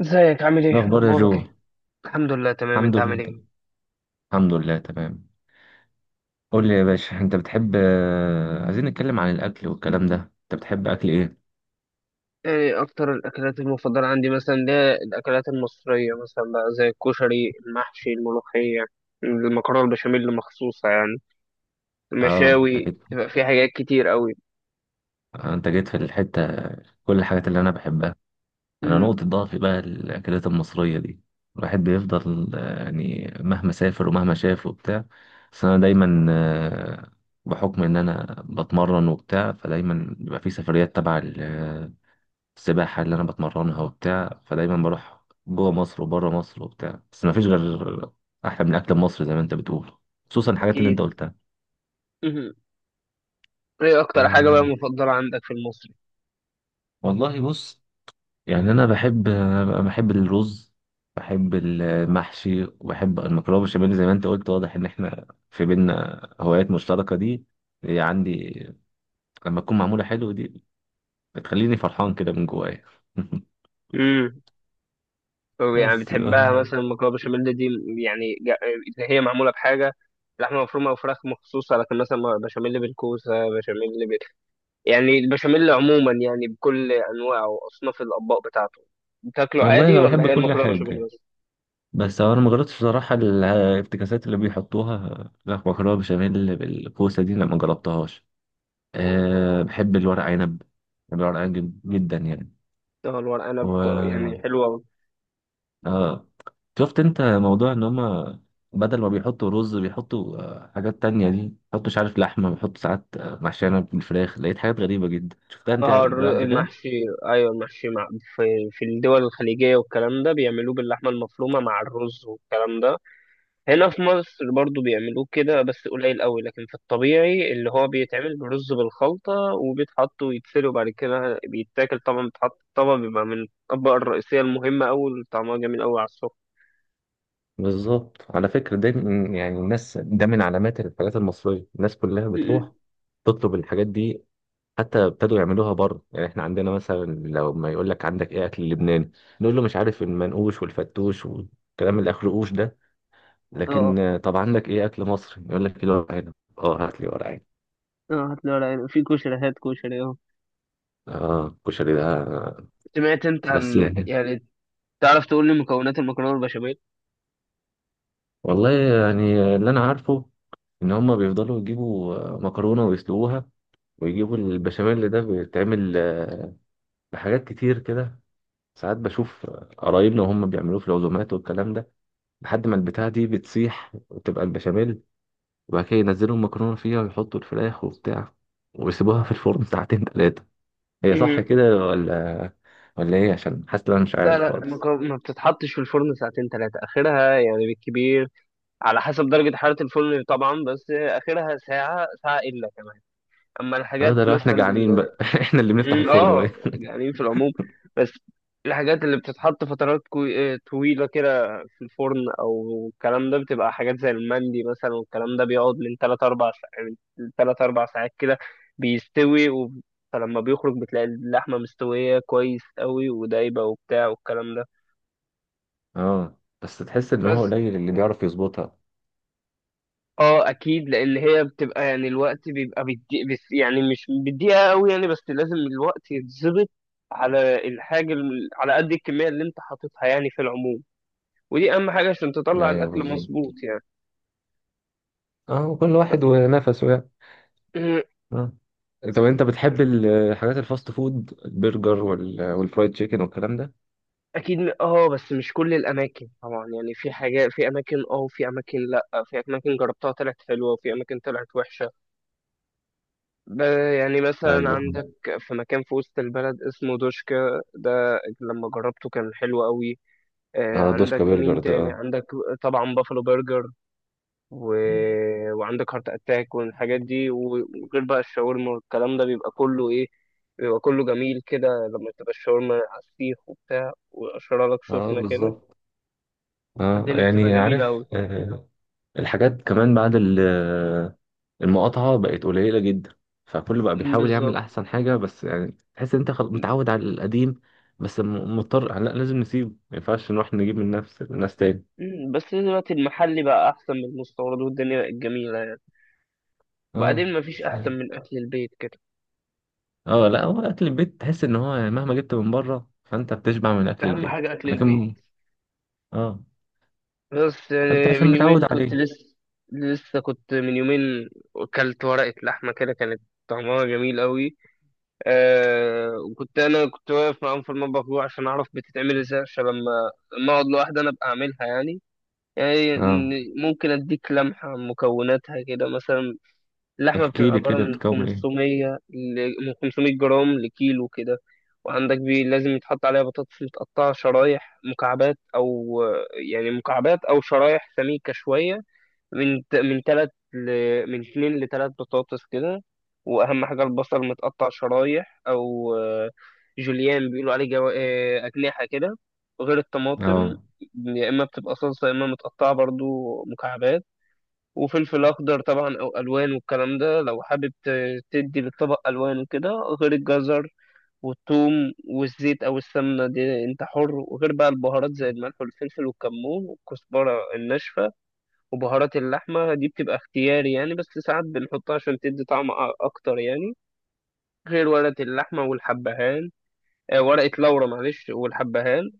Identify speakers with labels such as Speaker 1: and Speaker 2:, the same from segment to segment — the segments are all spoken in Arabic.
Speaker 1: ازيك؟ عامل
Speaker 2: إيه
Speaker 1: ايه؟
Speaker 2: الأخبار يا
Speaker 1: اخبارك
Speaker 2: جو؟
Speaker 1: ايه؟ الحمد لله تمام.
Speaker 2: الحمد
Speaker 1: انت عامل
Speaker 2: لله.
Speaker 1: ايه؟
Speaker 2: الحمد لله، تمام. قول لي يا باشا، أنت بتحب عايزين نتكلم عن الأكل والكلام ده. أنت بتحب أكل إيه؟
Speaker 1: ايه اكتر الاكلات المفضله عندي مثلا؟ اللي هي الاكلات المصريه مثلا بقى زي الكشري، المحشي، الملوخيه، المكرونه البشاميل مخصوصه يعني،
Speaker 2: أه أنت
Speaker 1: المشاوي.
Speaker 2: جيت
Speaker 1: يبقى في حاجات كتير قوي.
Speaker 2: آه، أنت جيت في الحتة. كل الحاجات اللي أنا بحبها. أنا
Speaker 1: امم
Speaker 2: نقطة ضعفي بقى الأكلات المصرية دي. الواحد بيفضل يعني مهما سافر ومهما شاف وبتاع. بس أنا دايما آه، بحكم إن أنا بتمرن وبتاع، فدايما بيبقى في سفريات تبع السباحة اللي أنا بتمرنها وبتاع، فدايما بروح جوه مصر وبره مصر وبتاع. بس مفيش غير أحلى من أكل مصر زي ما أنت بتقول، خصوصا الحاجات اللي أنت
Speaker 1: اكيد.
Speaker 2: قلتها.
Speaker 1: امم ايه اكتر حاجه بقى
Speaker 2: آه،
Speaker 1: مفضله عندك في المصري؟
Speaker 2: والله بص. يعني أنا بحب بحب الرز، بحب المحشي، وبحب المكرونة بالبشاميل زي ما أنت قلت. واضح إن إحنا في بينا هوايات مشتركة. دي هي عندي، لما تكون معمولة حلو دي بتخليني فرحان كده من جوايا.
Speaker 1: امم طب يعني
Speaker 2: بس
Speaker 1: بتحبها
Speaker 2: آه،
Speaker 1: مثلا المكرونه البشاميل دي؟ يعني اللي هي معموله بحاجه لحمه مفرومه او فراخ مخصوصه، لكن مثلا بشاميل بالكوسه، بشاميل، يعني البشاميل عموما يعني بكل انواعه واصناف الاطباق بتاعته. بتاكله
Speaker 2: والله
Speaker 1: عادي
Speaker 2: أنا
Speaker 1: ولا
Speaker 2: بحب
Speaker 1: هي
Speaker 2: كل
Speaker 1: المكرونه بشاميل
Speaker 2: حاجة.
Speaker 1: بس؟
Speaker 2: بس هو انا ما جربتش بصراحه الافتكاسات اللي بيحطوها. لا، مكرونه بشاميل بالكوسه دي لا، ما جربتهاش. أه، بحب الورق عنب. بحب الورق عنب جدا يعني.
Speaker 1: اه الورق عنب
Speaker 2: و،
Speaker 1: يعني حلوه أوي.
Speaker 2: اه، شفت انت موضوع ان هما بدل ما بيحطوا رز بيحطوا حاجات تانية؟ دي بيحطوا مش عارف لحمة، بيحطوا ساعات محشية بالفراخ. لقيت حاجات غريبة جدا. شفتها انت
Speaker 1: اه
Speaker 2: ده قبل كده؟
Speaker 1: المحشي، ايوه المحشي مع، في الدول الخليجيه والكلام ده بيعملوه باللحمه المفرومه مع الرز والكلام ده. هنا في مصر برضو بيعملوه كده بس قليل قوي، لكن في الطبيعي اللي هو بيتعمل برز بالخلطه وبيتحط ويتسلق وبعد كده بيتاكل. طبعا بيتحط في طبق بيبقى من الاطباق الرئيسيه المهمه قوي، طعمها جميل قوي على السكر.
Speaker 2: بالظبط. على فكرة ده يعني الناس، ده من علامات الحاجات المصرية، الناس كلها
Speaker 1: م- م.
Speaker 2: بتروح تطلب الحاجات دي، حتى ابتدوا يعملوها بره. يعني احنا عندنا مثلا لو ما يقول لك عندك ايه اكل لبناني، نقول له مش عارف المنقوش والفتوش والكلام اللي اخره قوش ده. لكن
Speaker 1: اه.
Speaker 2: طب عندك ايه اكل مصري، يقول لك كيلو ورق عنب. اه، هات لي ورق عنب.
Speaker 1: اه هات لي ورق عنب، في كشري، هات كشري اه.
Speaker 2: اه الكشري ده
Speaker 1: سمعت انت
Speaker 2: بس
Speaker 1: عن
Speaker 2: يعني.
Speaker 1: يعني، تعرف تقول لي مكونات المكرونه البشاميل؟
Speaker 2: والله يعني اللي انا عارفه، ان هم بيفضلوا يجيبوا مكرونه ويسلقوها، ويجيبوا البشاميل اللي ده بيتعمل بحاجات كتير كده. ساعات بشوف قرايبنا وهم بيعملوه في العزومات والكلام ده، لحد ما البتاعة دي بتسيح وتبقى البشاميل، وبعد كده ينزلوا المكرونة فيها ويحطوا الفراخ وبتاع، ويسيبوها في الفرن ساعتين تلاتة. هي صح
Speaker 1: مم.
Speaker 2: كده ولا ايه؟ عشان حاسس إن انا مش
Speaker 1: لا
Speaker 2: عارف
Speaker 1: لا،
Speaker 2: خالص.
Speaker 1: المكرونه ما بتتحطش في الفرن ساعتين ثلاثه، اخرها يعني بالكبير على حسب درجه حراره الفرن طبعا، بس اخرها ساعه ساعه الا كمان. اما
Speaker 2: اه،
Speaker 1: الحاجات
Speaker 2: ده لو احنا
Speaker 1: مثلا،
Speaker 2: جعانين بقى. احنا اللي بنفتح الفرن
Speaker 1: اه
Speaker 2: وايه.
Speaker 1: جعانين في العموم، بس الحاجات اللي بتتحط فترات كوي... آه، طويلة كده في الفرن أو الكلام ده بتبقى حاجات زي المندي مثلا، والكلام ده بيقعد من تلات أربع ساعات، من تلات أربع ساعات كده، بيستوي و... فلما بيخرج بتلاقي اللحمة مستوية كويس قوي ودايبة وبتاع والكلام ده.
Speaker 2: اه، بس تحس ان هو
Speaker 1: بس
Speaker 2: قليل اللي بيعرف يظبطها
Speaker 1: اه اكيد، لان هي بتبقى يعني الوقت بيبقى بدي، بس يعني مش بدقيقه قوي يعني، بس لازم الوقت يتظبط على على قد الكميه اللي انت حاططها يعني في العموم. ودي اهم حاجه عشان تطلع
Speaker 2: يعني.
Speaker 1: الاكل مظبوط يعني.
Speaker 2: اه، كل
Speaker 1: ب-
Speaker 2: واحد ونفسه يعني. اه، طب انت بتحب الحاجات الفاست فود، البرجر والفرايد تشيكن والكلام ده؟
Speaker 1: اكيد. اه، بس مش كل الاماكن طبعا يعني، في حاجات في اماكن اه، وفي اماكن لا، في اماكن جربتها طلعت حلوه وفي اماكن طلعت وحشه. ب- يعني مثلا
Speaker 2: ايوه.
Speaker 1: عندك في مكان في وسط البلد اسمه دوشكا، ده لما جربته كان حلو قوي.
Speaker 2: اه، دوسكا
Speaker 1: عندك
Speaker 2: برجر
Speaker 1: مين
Speaker 2: ده،
Speaker 1: تاني؟
Speaker 2: اه.
Speaker 1: عندك طبعا بافلو برجر، و... وعندك هارت اتاك والحاجات دي، وغير بقى الشاورما والكلام ده بيبقى كله ايه، بيبقى كله جميل كده لما تبقى الشاورما على السيخ وبتاع وقشرها لك
Speaker 2: اه
Speaker 1: سخنة كده.
Speaker 2: بالظبط. اه
Speaker 1: الدنيا بتبقى
Speaker 2: يعني
Speaker 1: جميلة
Speaker 2: عارف
Speaker 1: أوي.
Speaker 2: الحاجات كمان بعد المقاطعة بقت قليلة جدا. فكله بقى
Speaker 1: أمم،
Speaker 2: بيحاول يعمل
Speaker 1: بالظبط.
Speaker 2: أحسن حاجة. بس يعني تحس إن أنت متعود على القديم. بس مضطر. لا لازم نسيبه، ما ينفعش نروح نجيب من نفس الناس تاني.
Speaker 1: أمم، بس دلوقتي المحلي بقى أحسن من المستورد، والدنيا بقت جميلة يعني.
Speaker 2: اه
Speaker 1: وبعدين مفيش أحسن
Speaker 2: صحيح.
Speaker 1: من أكل البيت كده.
Speaker 2: اه لا، هو أكل البيت تحس إن هو يعني مهما جبت من بره، فأنت بتشبع من أكل
Speaker 1: أهم
Speaker 2: البيت.
Speaker 1: حاجة أكل البيت.
Speaker 2: لكن اه،
Speaker 1: بس
Speaker 2: أنت
Speaker 1: يعني
Speaker 2: عشان
Speaker 1: من يومين
Speaker 2: متعود
Speaker 1: كنت
Speaker 2: عليه.
Speaker 1: لسه، لسه كنت من يومين اكلت ورقة لحمة كده، كانت طعمها جميل قوي. أه، وكنت انا كنت واقف معاهم في المطبخ جوه عشان اعرف بتتعمل ازاي، عشان لما، لما اقعد لوحدي انا ابقى اعملها يعني. يعني
Speaker 2: اه،
Speaker 1: ممكن اديك لمحة عن مكوناتها كده مثلا. اللحمة
Speaker 2: احكي
Speaker 1: بتبقى
Speaker 2: لي
Speaker 1: عبارة
Speaker 2: كده،
Speaker 1: من
Speaker 2: بتكون إيه.
Speaker 1: 500 ل... من 500 جرام لكيلو كده. وعندك بي لازم يتحط عليها بطاطس متقطعة شرايح مكعبات أو يعني مكعبات أو شرايح سميكة شوية، من من تلات ل... من اتنين لتلات بطاطس كده. وأهم حاجة البصل متقطع شرايح أو جوليان بيقولوا عليه جو... آه، أجنحة كده. غير الطماطم،
Speaker 2: اه.
Speaker 1: يا إما بتبقى صلصة يا إما متقطعة برضو مكعبات. وفلفل اخضر طبعا او الوان والكلام ده لو حابب تدي للطبق الوان وكده. غير الجزر والثوم، والزيت او السمنه دي انت حر. وغير بقى البهارات زي الملح والفلفل والكمون والكزبره الناشفه. وبهارات اللحمه دي بتبقى اختياري يعني، بس ساعات بنحطها عشان تدي طعم اكتر يعني. غير ورقه اللحمه والحبهان، ورقه لورا معلش، والحبهان.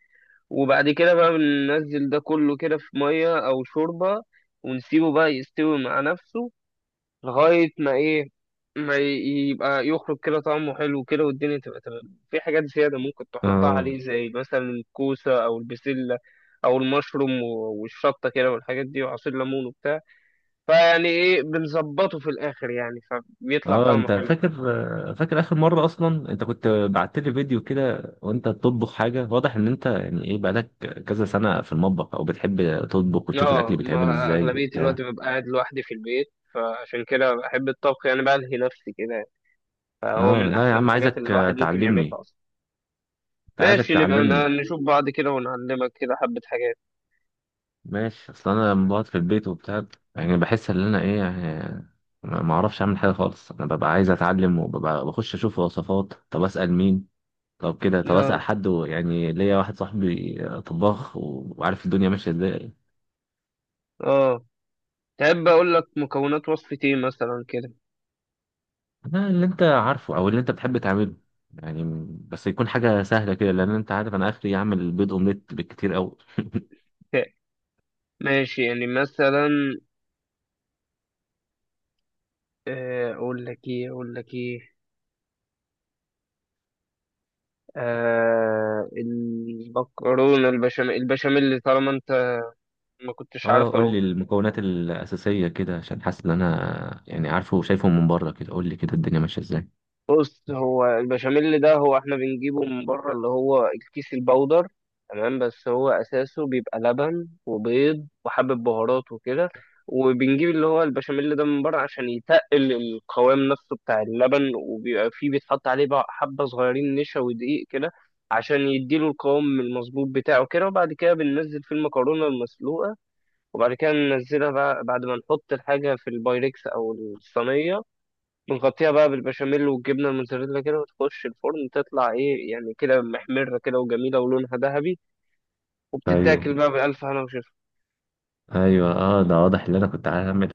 Speaker 1: وبعد كده بقى بننزل ده كله كده في ميه او شوربه، ونسيبه بقى يستوي مع نفسه لغاية ما إيه، ما ي- يبقى يخرج كده طعمه حلو كده، والدنيا تبقى تمام. في حاجات زيادة ممكن تحطها
Speaker 2: اه،
Speaker 1: عليه زي مثلا الكوسة أو البسلة أو المشروم والشطة كده والحاجات دي، وعصير ليمون وبتاع، فيعني إيه بنظبطه في الآخر يعني، فبيطلع
Speaker 2: اه،
Speaker 1: طعمه
Speaker 2: انت
Speaker 1: حلو.
Speaker 2: فاكر؟ فاكر اخر مره اصلا انت كنت بعت لي فيديو كده وانت بتطبخ حاجه؟ واضح ان انت يعني ايه، بقالك كذا سنه في المطبخ او بتحب تطبخ وتشوف الاكل
Speaker 1: آه،
Speaker 2: بيتعمل
Speaker 1: ما
Speaker 2: ازاي
Speaker 1: أغلبية الوقت
Speaker 2: وبتاع.
Speaker 1: ببقى قاعد لوحدي في البيت، فعشان كده بحب الطبخ يعني، بلهي نفسي كده، فهو
Speaker 2: اه
Speaker 1: من
Speaker 2: لا يا
Speaker 1: أحسن
Speaker 2: عم،
Speaker 1: الحاجات اللي
Speaker 2: عايزك
Speaker 1: الواحد ممكن
Speaker 2: تعلمني.
Speaker 1: يعملها أصلا.
Speaker 2: انت عايزك
Speaker 1: ماشي، نبقى
Speaker 2: تعلمني.
Speaker 1: نشوف بعض كده ونعلمك كده حبة حاجات.
Speaker 2: ماشي، اصل انا لما بقعد في البيت وبتاع، يعني بحس ان انا ايه يعني، ما اعرفش اعمل حاجه خالص. انا ببقى عايز اتعلم، وببقى بخش اشوف وصفات. طب اسال مين؟ طب كده طب اسال
Speaker 1: آه.
Speaker 2: حد، يعني ليا واحد صاحبي طباخ وعارف الدنيا ماشيه ازاي.
Speaker 1: اه تحب اقول لك مكونات وصفة ايه مثلا كده؟
Speaker 2: أنا اللي انت عارفه او اللي انت بتحب تعمله يعني. بس يكون حاجه سهله كده، لان انت عارف انا اخري اعمل بيض اومليت بالكتير قوي.
Speaker 1: ماشي، يعني مثلا، اقول لك ايه، اقول لك ايه، آه المكرونة البشاميل، البشاميل طالما انت ما كنتش
Speaker 2: اه، قول
Speaker 1: عارفه.
Speaker 2: لي المكونات الاساسيه كده، عشان حاسس ان انا يعني عارفه وشايفهم من بره كده. قول لي كده الدنيا ماشيه ازاي.
Speaker 1: بص، هو البشاميل ده هو احنا بنجيبه من بره، اللي هو الكيس البودر تمام، بس هو اساسه بيبقى لبن وبيض وحبة بهارات وكده. وبنجيب اللي هو البشاميل ده من بره عشان يتقل القوام نفسه بتاع اللبن، وبيبقى فيه بيتحط عليه بقى حبة صغيرين نشا ودقيق كده عشان يديله القوام المظبوط بتاعه كده. وبعد كده بننزل فيه المكرونة المسلوقة. وبعد كده ننزلها بقى بعد ما نحط الحاجة في البايركس أو الصينية، بنغطيها بقى بالبشاميل والجبنة الموتزاريلا كده، وتخش الفرن تطلع ايه يعني كده محمرة كده وجميلة ولونها ذهبي.
Speaker 2: ايوه،
Speaker 1: وبتتاكل بقى بألف هنا وشفا.
Speaker 2: ايوه. اه، ده واضح ان انا كنت هعمل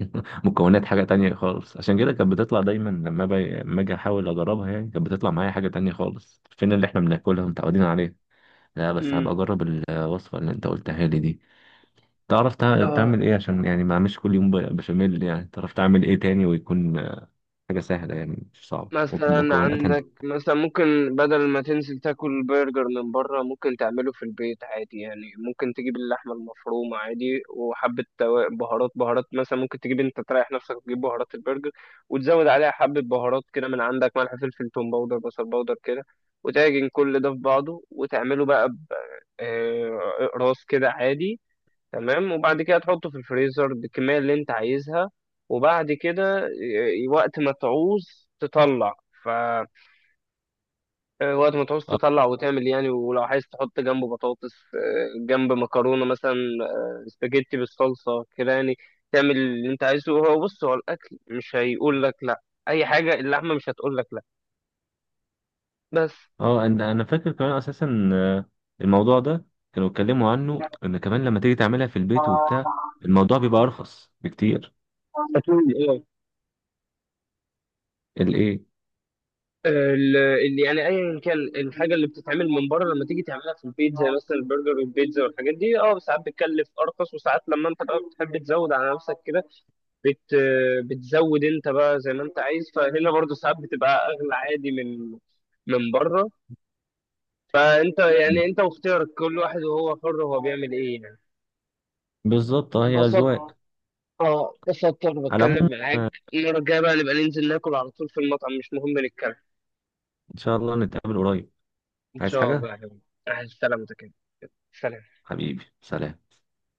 Speaker 2: مكونات حاجه تانية خالص. عشان كده كانت بتطلع دايما، لما باجي لما اجي احاول اجربها يعني، كانت بتطلع معايا حاجه تانية خالص، فين اللي احنا بناكلها متعودين عليه. لا، بس
Speaker 1: امم
Speaker 2: هبقى اجرب الوصفه اللي انت قلتها لي دي. تعرف تعمل
Speaker 1: اه
Speaker 2: ايه، عشان يعني ما اعملش كل يوم بشاميل يعني؟ تعرف تعمل ايه تاني، ويكون حاجة سهلة يعني مش صعبة،
Speaker 1: مثلا
Speaker 2: ومكوناتها انت.
Speaker 1: عندك، مثلا ممكن بدل ما تنزل تاكل برجر من بره ممكن تعمله في البيت عادي يعني. ممكن تجيب اللحمة المفرومة عادي وحبة بهارات، مثلا ممكن تجيب انت تريح نفسك تجيب بهارات البرجر، وتزود عليها حبة بهارات كده من عندك، ملح، فلفل، توم باودر، بصل باودر كده، وتعجن كل ده في بعضه وتعمله بقى راس كده عادي تمام. وبعد كده تحطه في الفريزر بالكمية اللي انت عايزها. وبعد كده وقت ما تعوز تطلع، ف آه، وقت ما تعوز
Speaker 2: اه،
Speaker 1: تطلع وتعمل يعني. ولو عايز تحط جنبه بطاطس، جنب مكرونة مثلا، سباجيتي بالصلصة كده يعني، تعمل اللي انت عايزه. هو بص هو الأكل مش هيقول لك لأ، أي حاجة اللحمة مش هتقول لك لأ. بس
Speaker 2: انا فاكر كمان اساسا الموضوع ده كانوا اتكلموا عنه، ان كمان لما تيجي تعملها في البيت وبتاع الموضوع بيبقى ارخص بكتير.
Speaker 1: أكيد،
Speaker 2: الايه؟
Speaker 1: اللي يعني ايا كان الحاجه اللي بتتعمل من بره لما تيجي تعملها في البيت زي مثلا البرجر والبيتزا والحاجات دي، اه ساعات بتكلف ارخص، وساعات لما انت بقى بتحب تزود على نفسك كده بت بتزود انت بقى زي ما انت عايز، فهنا برضو ساعات بتبقى اغلى عادي من، من بره. فانت يعني
Speaker 2: مم.
Speaker 1: انت واختيارك، كل واحد وهو حر هو بيعمل ايه يعني.
Speaker 2: بالظبط. اه، هي
Speaker 1: انبسطت،
Speaker 2: اذواق.
Speaker 1: اه انبسطت وانا
Speaker 2: على
Speaker 1: بتكلم
Speaker 2: العموم
Speaker 1: معاك.
Speaker 2: آه،
Speaker 1: المره الجايه بقى نبقى ننزل ناكل على طول في المطعم، مش مهم نتكلم.
Speaker 2: ان شاء الله نتقابل قريب.
Speaker 1: ان
Speaker 2: عايز
Speaker 1: شاء الله
Speaker 2: حاجة؟
Speaker 1: يا حبيبي. مع السلامه كده، سلام.
Speaker 2: حبيبي، سلام.